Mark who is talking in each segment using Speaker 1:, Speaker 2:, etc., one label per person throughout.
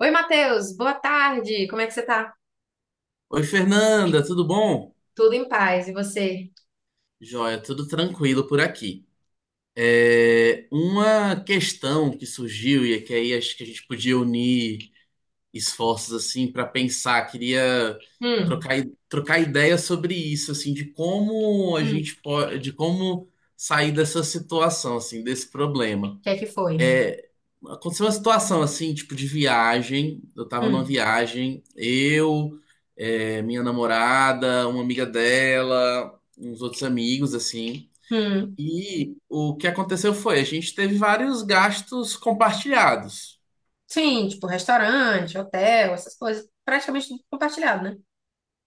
Speaker 1: Oi, Matheus, boa tarde. Como é que você tá?
Speaker 2: Oi, Fernanda, tudo bom?
Speaker 1: Tudo em paz. E você?
Speaker 2: Joia, tudo tranquilo por aqui. Uma questão que surgiu é que aí acho que a gente podia unir esforços assim para pensar. Queria
Speaker 1: Hum,
Speaker 2: trocar, trocar ideia sobre isso, assim, de como a
Speaker 1: o
Speaker 2: gente pode, de como sair dessa situação, assim, desse problema.
Speaker 1: que é que foi?
Speaker 2: É, Aconteceu uma situação assim, tipo de viagem. Eu tava numa
Speaker 1: Hum,
Speaker 2: viagem, eu, minha namorada, uma amiga dela, uns outros amigos, assim.
Speaker 1: hum.
Speaker 2: E o que aconteceu foi, a gente teve vários gastos compartilhados.
Speaker 1: Sim, tipo restaurante, hotel, essas coisas, praticamente tudo compartilhado, né?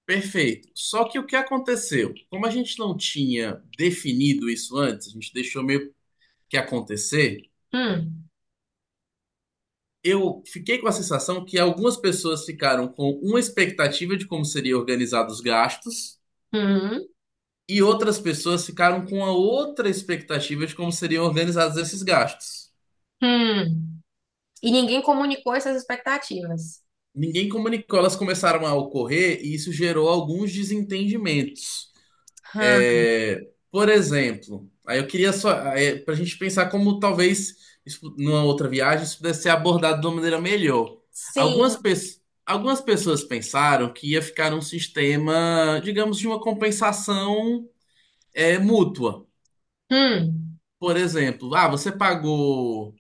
Speaker 2: Perfeito. Só que o que aconteceu? Como a gente não tinha definido isso antes, a gente deixou meio que acontecer.
Speaker 1: Hum,
Speaker 2: Eu fiquei com a sensação que algumas pessoas ficaram com uma expectativa de como seria organizado os gastos,
Speaker 1: hum,
Speaker 2: e outras pessoas ficaram com a outra expectativa de como seriam organizados esses gastos.
Speaker 1: hum. E ninguém comunicou essas expectativas.
Speaker 2: Ninguém comunicou, elas começaram a ocorrer e isso gerou alguns desentendimentos.
Speaker 1: Hã,
Speaker 2: Por exemplo, aí eu queria só, para a gente pensar como talvez isso, numa outra viagem, isso pudesse ser abordado de uma maneira melhor. Algumas,
Speaker 1: sim.
Speaker 2: algumas pessoas pensaram que ia ficar um sistema, digamos, de uma compensação mútua.
Speaker 1: Hum,
Speaker 2: Por exemplo, ah, você pagou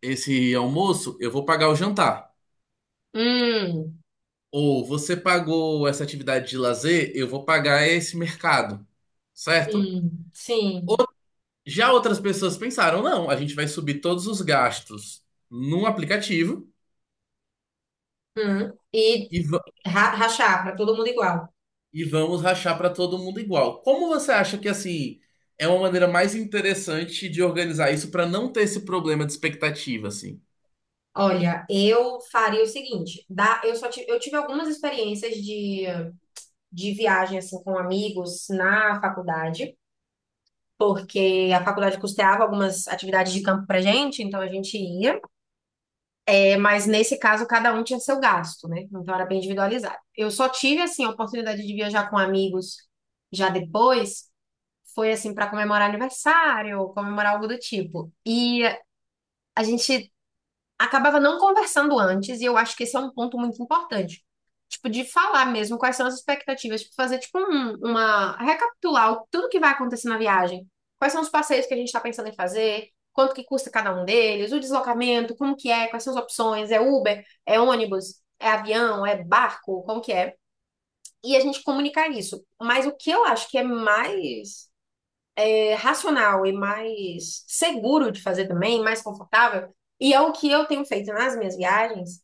Speaker 2: esse almoço, eu vou pagar o jantar.
Speaker 1: hum,
Speaker 2: Ou você pagou essa atividade de lazer, eu vou pagar esse mercado, certo?
Speaker 1: Sim.
Speaker 2: Já outras pessoas pensaram, não, a gente vai subir todos os gastos num aplicativo
Speaker 1: Hum. E
Speaker 2: e,
Speaker 1: rachar para todo mundo igual.
Speaker 2: e vamos rachar para todo mundo igual. Como você acha que assim é uma maneira mais interessante de organizar isso para não ter esse problema de expectativa, assim?
Speaker 1: Olha, eu faria o seguinte, dá, eu tive algumas experiências de viagem assim com amigos na faculdade, porque a faculdade custeava algumas atividades de campo pra gente, então a gente ia. É, mas nesse caso cada um tinha seu gasto, né? Então era bem individualizado. Eu só tive assim a oportunidade de viajar com amigos já depois, foi assim para comemorar aniversário, comemorar algo do tipo. E a gente acabava não conversando antes, e eu acho que esse é um ponto muito importante. Tipo, de falar mesmo quais são as expectativas, tipo, fazer tipo uma recapitular tudo que vai acontecer na viagem. Quais são os passeios que a gente está pensando em fazer, quanto que custa cada um deles, o deslocamento, como que é, quais são as opções, é Uber, é ônibus, é avião, é barco, como que é? E a gente comunicar isso. Mas o que eu acho que é mais racional e mais seguro de fazer também, mais confortável, e é o que eu tenho feito nas minhas viagens,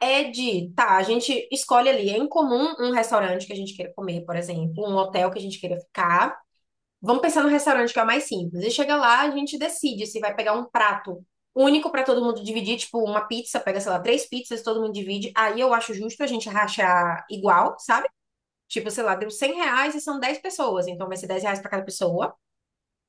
Speaker 1: é de, tá, a gente escolhe ali, é incomum um restaurante que a gente queira comer, por exemplo, um hotel que a gente queira ficar. Vamos pensar no restaurante que é o mais simples. E chega lá, a gente decide se vai pegar um prato único para todo mundo dividir, tipo uma pizza, pega, sei lá, três pizzas, todo mundo divide. Aí eu acho justo a gente rachar igual, sabe? Tipo, sei lá, deu R$ 100 e são 10 pessoas, então vai ser R$ 10 para cada pessoa.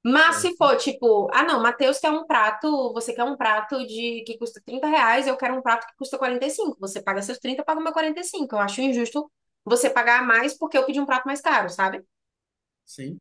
Speaker 1: Mas se
Speaker 2: Certo.
Speaker 1: for tipo, ah não, Matheus quer um prato, você quer um prato de que custa R$ 30, eu quero um prato que custa 45. Você paga seus 30, eu pago meu 45. Eu acho injusto você pagar mais porque eu pedi um prato mais caro, sabe?
Speaker 2: Sim.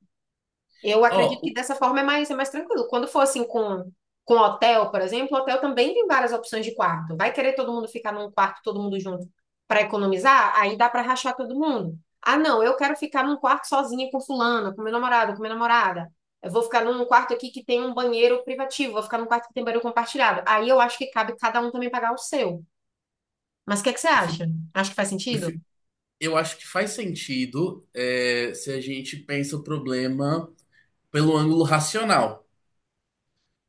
Speaker 1: Eu
Speaker 2: Ó,
Speaker 1: acredito que dessa forma é mais, tranquilo. Quando for assim com hotel, por exemplo, hotel também tem várias opções de quarto. Vai querer todo mundo ficar num quarto, todo mundo junto, para economizar? Aí dá para rachar todo mundo. Ah, não, eu quero ficar num quarto sozinha com fulano, com meu namorado, com minha namorada. Eu vou ficar num quarto aqui que tem um banheiro privativo, vou ficar num quarto que tem banheiro compartilhado. Aí eu acho que cabe cada um também pagar o seu. Mas o que é que você
Speaker 2: eu fi-
Speaker 1: acha? Acho que faz
Speaker 2: eu
Speaker 1: sentido?
Speaker 2: fico. Eu acho que faz sentido, se a gente pensa o problema pelo ângulo racional.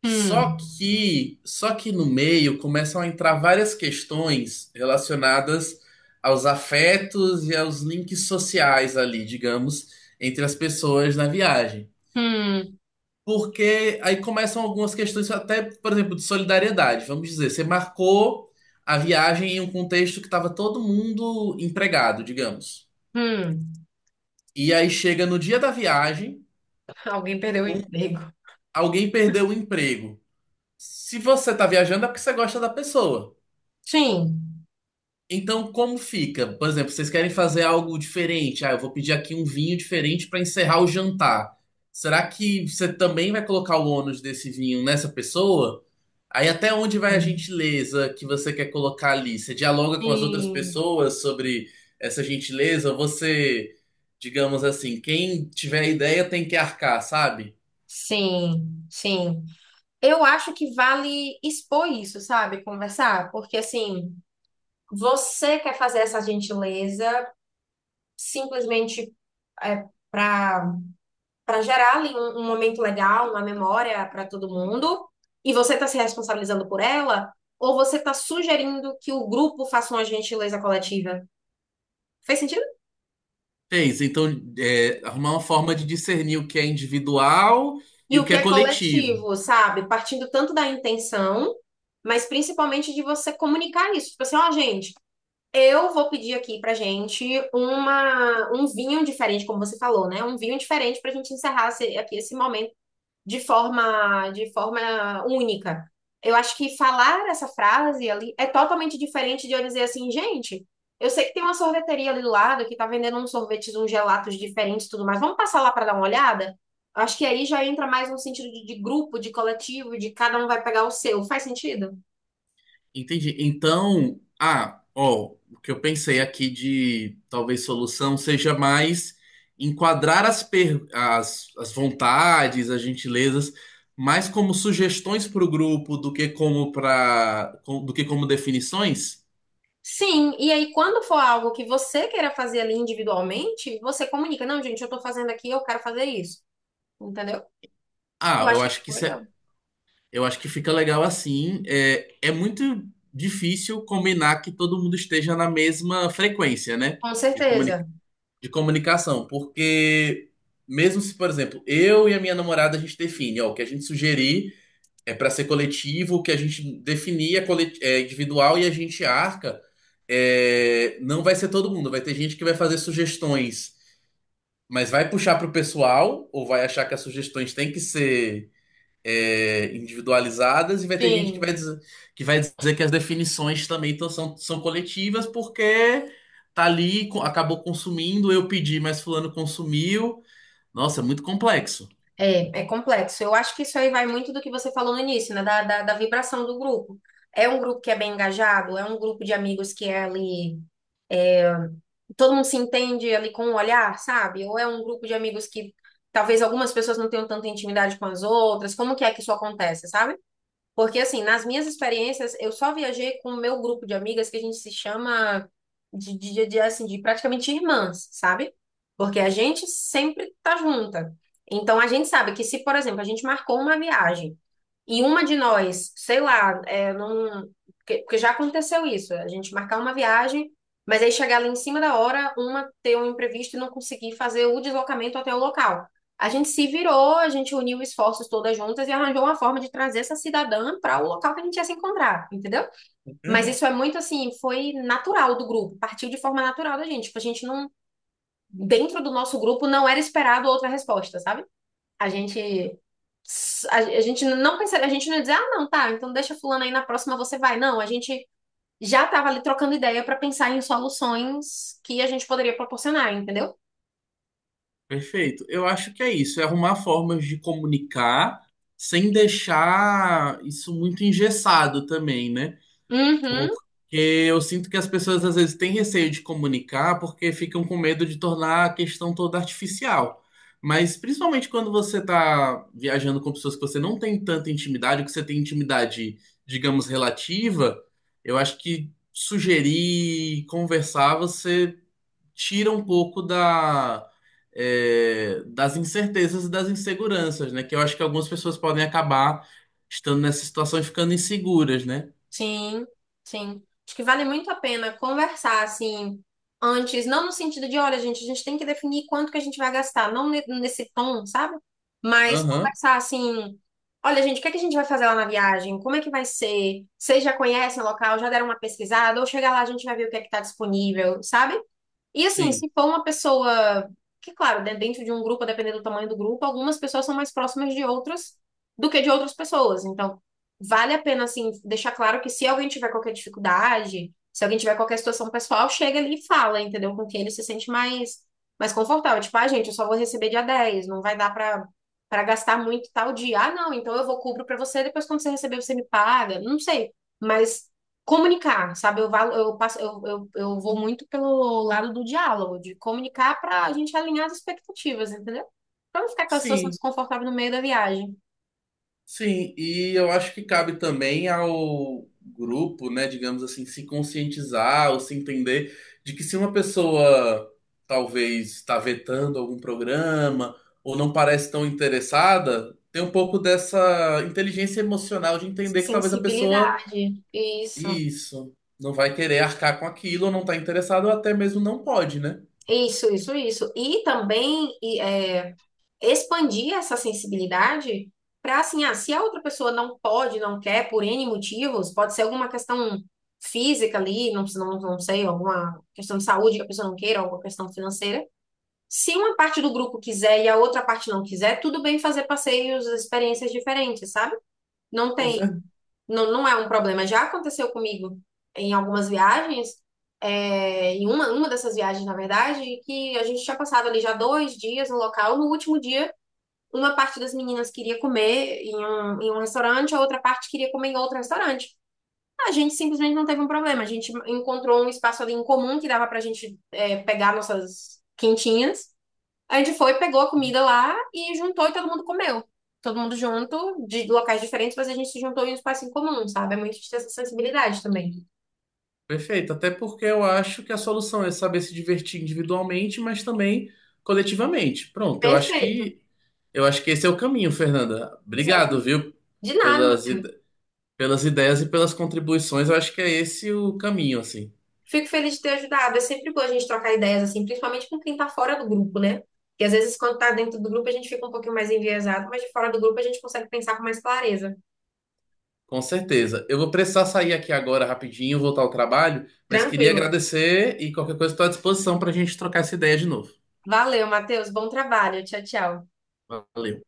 Speaker 2: Só
Speaker 1: Hum,
Speaker 2: que, só que no meio começam a entrar várias questões relacionadas aos afetos e aos links sociais ali, digamos, entre as pessoas na viagem.
Speaker 1: hum,
Speaker 2: Porque aí começam algumas questões, até, por exemplo, de solidariedade. Vamos dizer, você marcou a viagem em um contexto que estava todo mundo empregado, digamos.
Speaker 1: hum.
Speaker 2: E aí chega no dia da viagem,
Speaker 1: Alguém perdeu o
Speaker 2: um-
Speaker 1: emprego.
Speaker 2: alguém perdeu o emprego. Se você tá viajando é porque você gosta da pessoa.
Speaker 1: Sim.
Speaker 2: Então, como fica? Por exemplo, vocês querem fazer algo diferente. Ah, eu vou pedir aqui um vinho diferente para encerrar o jantar. Será que você também vai colocar o ônus desse vinho nessa pessoa? Aí até onde vai a
Speaker 1: Hum.
Speaker 2: gentileza que você quer colocar ali? Você dialoga com as outras
Speaker 1: Sim,
Speaker 2: pessoas sobre essa gentileza? Ou você, digamos assim, quem tiver a ideia tem que arcar, sabe?
Speaker 1: sim, sim. Eu acho que vale expor isso, sabe? Conversar, porque assim, você quer fazer essa gentileza simplesmente é, para gerar ali um, momento legal, uma memória para todo mundo, e você está se responsabilizando por ela, ou você está sugerindo que o grupo faça uma gentileza coletiva? Fez sentido?
Speaker 2: Fez. Então, arrumar uma forma de discernir o que é individual
Speaker 1: E
Speaker 2: e o
Speaker 1: o
Speaker 2: que
Speaker 1: que
Speaker 2: é
Speaker 1: é
Speaker 2: coletivo.
Speaker 1: coletivo, sabe? Partindo tanto da intenção, mas principalmente de você comunicar isso. Tipo assim, ó, gente, eu vou pedir aqui pra gente um vinho diferente, como você falou, né? Um vinho diferente pra gente encerrar aqui esse momento de forma, única. Eu acho que falar essa frase ali é totalmente diferente de eu dizer assim, gente, eu sei que tem uma sorveteria ali do lado que tá vendendo uns sorvetes, uns gelatos diferentes e tudo mais. Vamos passar lá para dar uma olhada? Acho que aí já entra mais um sentido de grupo, de coletivo, de cada um vai pegar o seu. Faz sentido?
Speaker 2: Entendi. Então, ah, ó, o que eu pensei aqui de talvez solução seja mais enquadrar as, as, vontades, as gentilezas, mais como sugestões para o grupo do que como para do que como definições.
Speaker 1: Sim, e aí quando for algo que você queira fazer ali individualmente, você comunica, não, gente, eu tô fazendo aqui, eu quero fazer isso. Entendeu? Eu
Speaker 2: Ah, eu
Speaker 1: acho que
Speaker 2: acho que
Speaker 1: ficou
Speaker 2: isso
Speaker 1: legal.
Speaker 2: é... Eu acho que fica legal assim. É muito difícil combinar que todo mundo esteja na mesma frequência, né?
Speaker 1: Com
Speaker 2: De, comuni
Speaker 1: certeza.
Speaker 2: de comunicação. Porque, mesmo se, por exemplo, eu e a minha namorada, a gente define, ó, o que a gente sugerir é para ser coletivo, o que a gente definir é, é individual e a gente arca, é, não vai ser todo mundo. Vai ter gente que vai fazer sugestões, mas vai puxar pro pessoal, ou vai achar que as sugestões têm que ser individualizadas, e vai ter gente que vai
Speaker 1: Sim.
Speaker 2: dizer vai dizer que as definições também são, são coletivas porque tá ali, acabou consumindo, eu pedi, mas fulano consumiu. Nossa, é muito complexo.
Speaker 1: É. É complexo. Eu acho que isso aí vai muito do que você falou no início, né? Da vibração do grupo. É um grupo que é bem engajado? É um grupo de amigos que é ali. Todo mundo se entende ali com o olhar, sabe? Ou é um grupo de amigos que talvez algumas pessoas não tenham tanta intimidade com as outras? Como que é que isso acontece, sabe? Porque, assim, nas minhas experiências, eu só viajei com o meu grupo de amigas que a gente se chama assim, de praticamente irmãs, sabe? Porque a gente sempre tá junta. Então, a gente sabe que se, por exemplo, a gente marcou uma viagem e uma de nós, sei lá, é, não... Porque já aconteceu isso, a gente marcar uma viagem, mas aí chegar lá em cima da hora, uma ter um imprevisto e não conseguir fazer o deslocamento até o local. A gente se virou, a gente uniu esforços todas juntas e arranjou uma forma de trazer essa cidadã para o local que a gente ia se encontrar, entendeu? Mas isso é muito assim, foi natural do grupo, partiu de forma natural da gente. Tipo, a gente não, dentro do nosso grupo não era esperado outra resposta, sabe? A gente a gente não pensaria, a gente não ia dizer, ah, não, tá, então deixa fulano aí na próxima você vai. Não, a gente já tava ali trocando ideia para pensar em soluções que a gente poderia proporcionar, entendeu?
Speaker 2: Perfeito. Eu acho que é isso, é arrumar formas de comunicar sem deixar isso muito engessado também, né?
Speaker 1: Uhum.
Speaker 2: Porque eu sinto que as pessoas às vezes têm receio de comunicar porque ficam com medo de tornar a questão toda artificial. Mas principalmente quando você está viajando com pessoas que você não tem tanta intimidade, ou que você tem intimidade, digamos, relativa, eu acho que sugerir, conversar, você tira um pouco da, das incertezas e das inseguranças, né? Que eu acho que algumas pessoas podem acabar estando nessa situação e ficando inseguras, né?
Speaker 1: Sim, sim. Acho que vale muito a pena conversar assim antes, não no sentido de, olha, gente, a gente tem que definir quanto que a gente vai gastar, não nesse tom, sabe? Mas
Speaker 2: Aham,
Speaker 1: conversar assim, olha, gente, o que é que a gente vai fazer lá na viagem? Como é que vai ser? Vocês já conhecem o local? Já deram uma pesquisada? Ou chegar lá a gente vai ver o que é que tá disponível, sabe? E assim,
Speaker 2: sim.
Speaker 1: se for uma pessoa, que claro, né, dentro de um grupo, dependendo do tamanho do grupo, algumas pessoas são mais próximas de outras do que de outras pessoas. Então, vale a pena assim deixar claro que se alguém tiver qualquer dificuldade, se alguém tiver qualquer situação pessoal, chega ali e fala, entendeu? Com quem ele se sente mais confortável. Tipo, ah, gente, eu só vou receber dia 10, não vai dar para gastar muito tal dia. Ah, não, então eu vou cubro para você, depois quando você receber você me paga. Não sei, mas comunicar, sabe? Eu, valo- eu passo, eu vou muito pelo lado do diálogo, de comunicar para a gente alinhar as expectativas, entendeu? Para não ficar aquela situação
Speaker 2: Sim,
Speaker 1: desconfortável no meio da viagem.
Speaker 2: sim, e eu acho que cabe também ao grupo, né, digamos assim, se conscientizar ou se entender de que se uma pessoa talvez está vetando algum programa ou não parece tão interessada, tem um pouco dessa inteligência emocional de entender que talvez a pessoa,
Speaker 1: Sensibilidade. Isso,
Speaker 2: isso, não vai querer arcar com aquilo ou não está interessada ou até mesmo não pode, né?
Speaker 1: isso, isso, isso. E também expandir essa sensibilidade para, assim, ah, se a outra pessoa não pode, não quer, por N motivos, pode ser alguma questão física ali, não, não, não sei, alguma questão de saúde que a pessoa não queira, alguma questão financeira. Se uma parte do grupo quiser e a outra parte não quiser, tudo bem fazer passeios, experiências diferentes, sabe? Não tem,
Speaker 2: Com...
Speaker 1: não, não é um problema. Já aconteceu comigo em algumas viagens, em uma dessas viagens, na verdade, que a gente tinha passado ali já 2 dias no local. No último dia, uma parte das meninas queria comer em um restaurante, a outra parte queria comer em outro restaurante. A gente simplesmente não teve um problema. A gente encontrou um espaço ali em comum que dava pra gente, pegar nossas quentinhas, a gente foi, pegou a comida lá e juntou e todo mundo comeu. Todo mundo junto, de locais diferentes, mas a gente se juntou em um espaço em comum, sabe? É muito de ter essa sensibilidade também.
Speaker 2: Perfeito, até porque eu acho que a solução é saber se divertir individualmente, mas também coletivamente. Pronto,
Speaker 1: Perfeito.
Speaker 2: eu acho que esse é o caminho, Fernanda. Obrigado,
Speaker 1: Exatamente.
Speaker 2: viu,
Speaker 1: De nada,
Speaker 2: pelas
Speaker 1: Matheus.
Speaker 2: ide- pelas ideias e pelas contribuições. Eu acho que é esse o caminho, assim.
Speaker 1: Fico feliz de ter ajudado. É sempre bom a gente trocar ideias, assim, principalmente com quem tá fora do grupo, né? Porque às vezes quando tá dentro do grupo a gente fica um pouquinho mais enviesado, mas de fora do grupo a gente consegue pensar com mais clareza.
Speaker 2: Com certeza. Eu vou precisar sair aqui agora rapidinho, voltar ao trabalho, mas queria
Speaker 1: Tranquilo.
Speaker 2: agradecer e qualquer coisa estou à disposição para a gente trocar essa ideia de novo.
Speaker 1: Valeu, Matheus. Bom trabalho. Tchau, tchau.
Speaker 2: Valeu.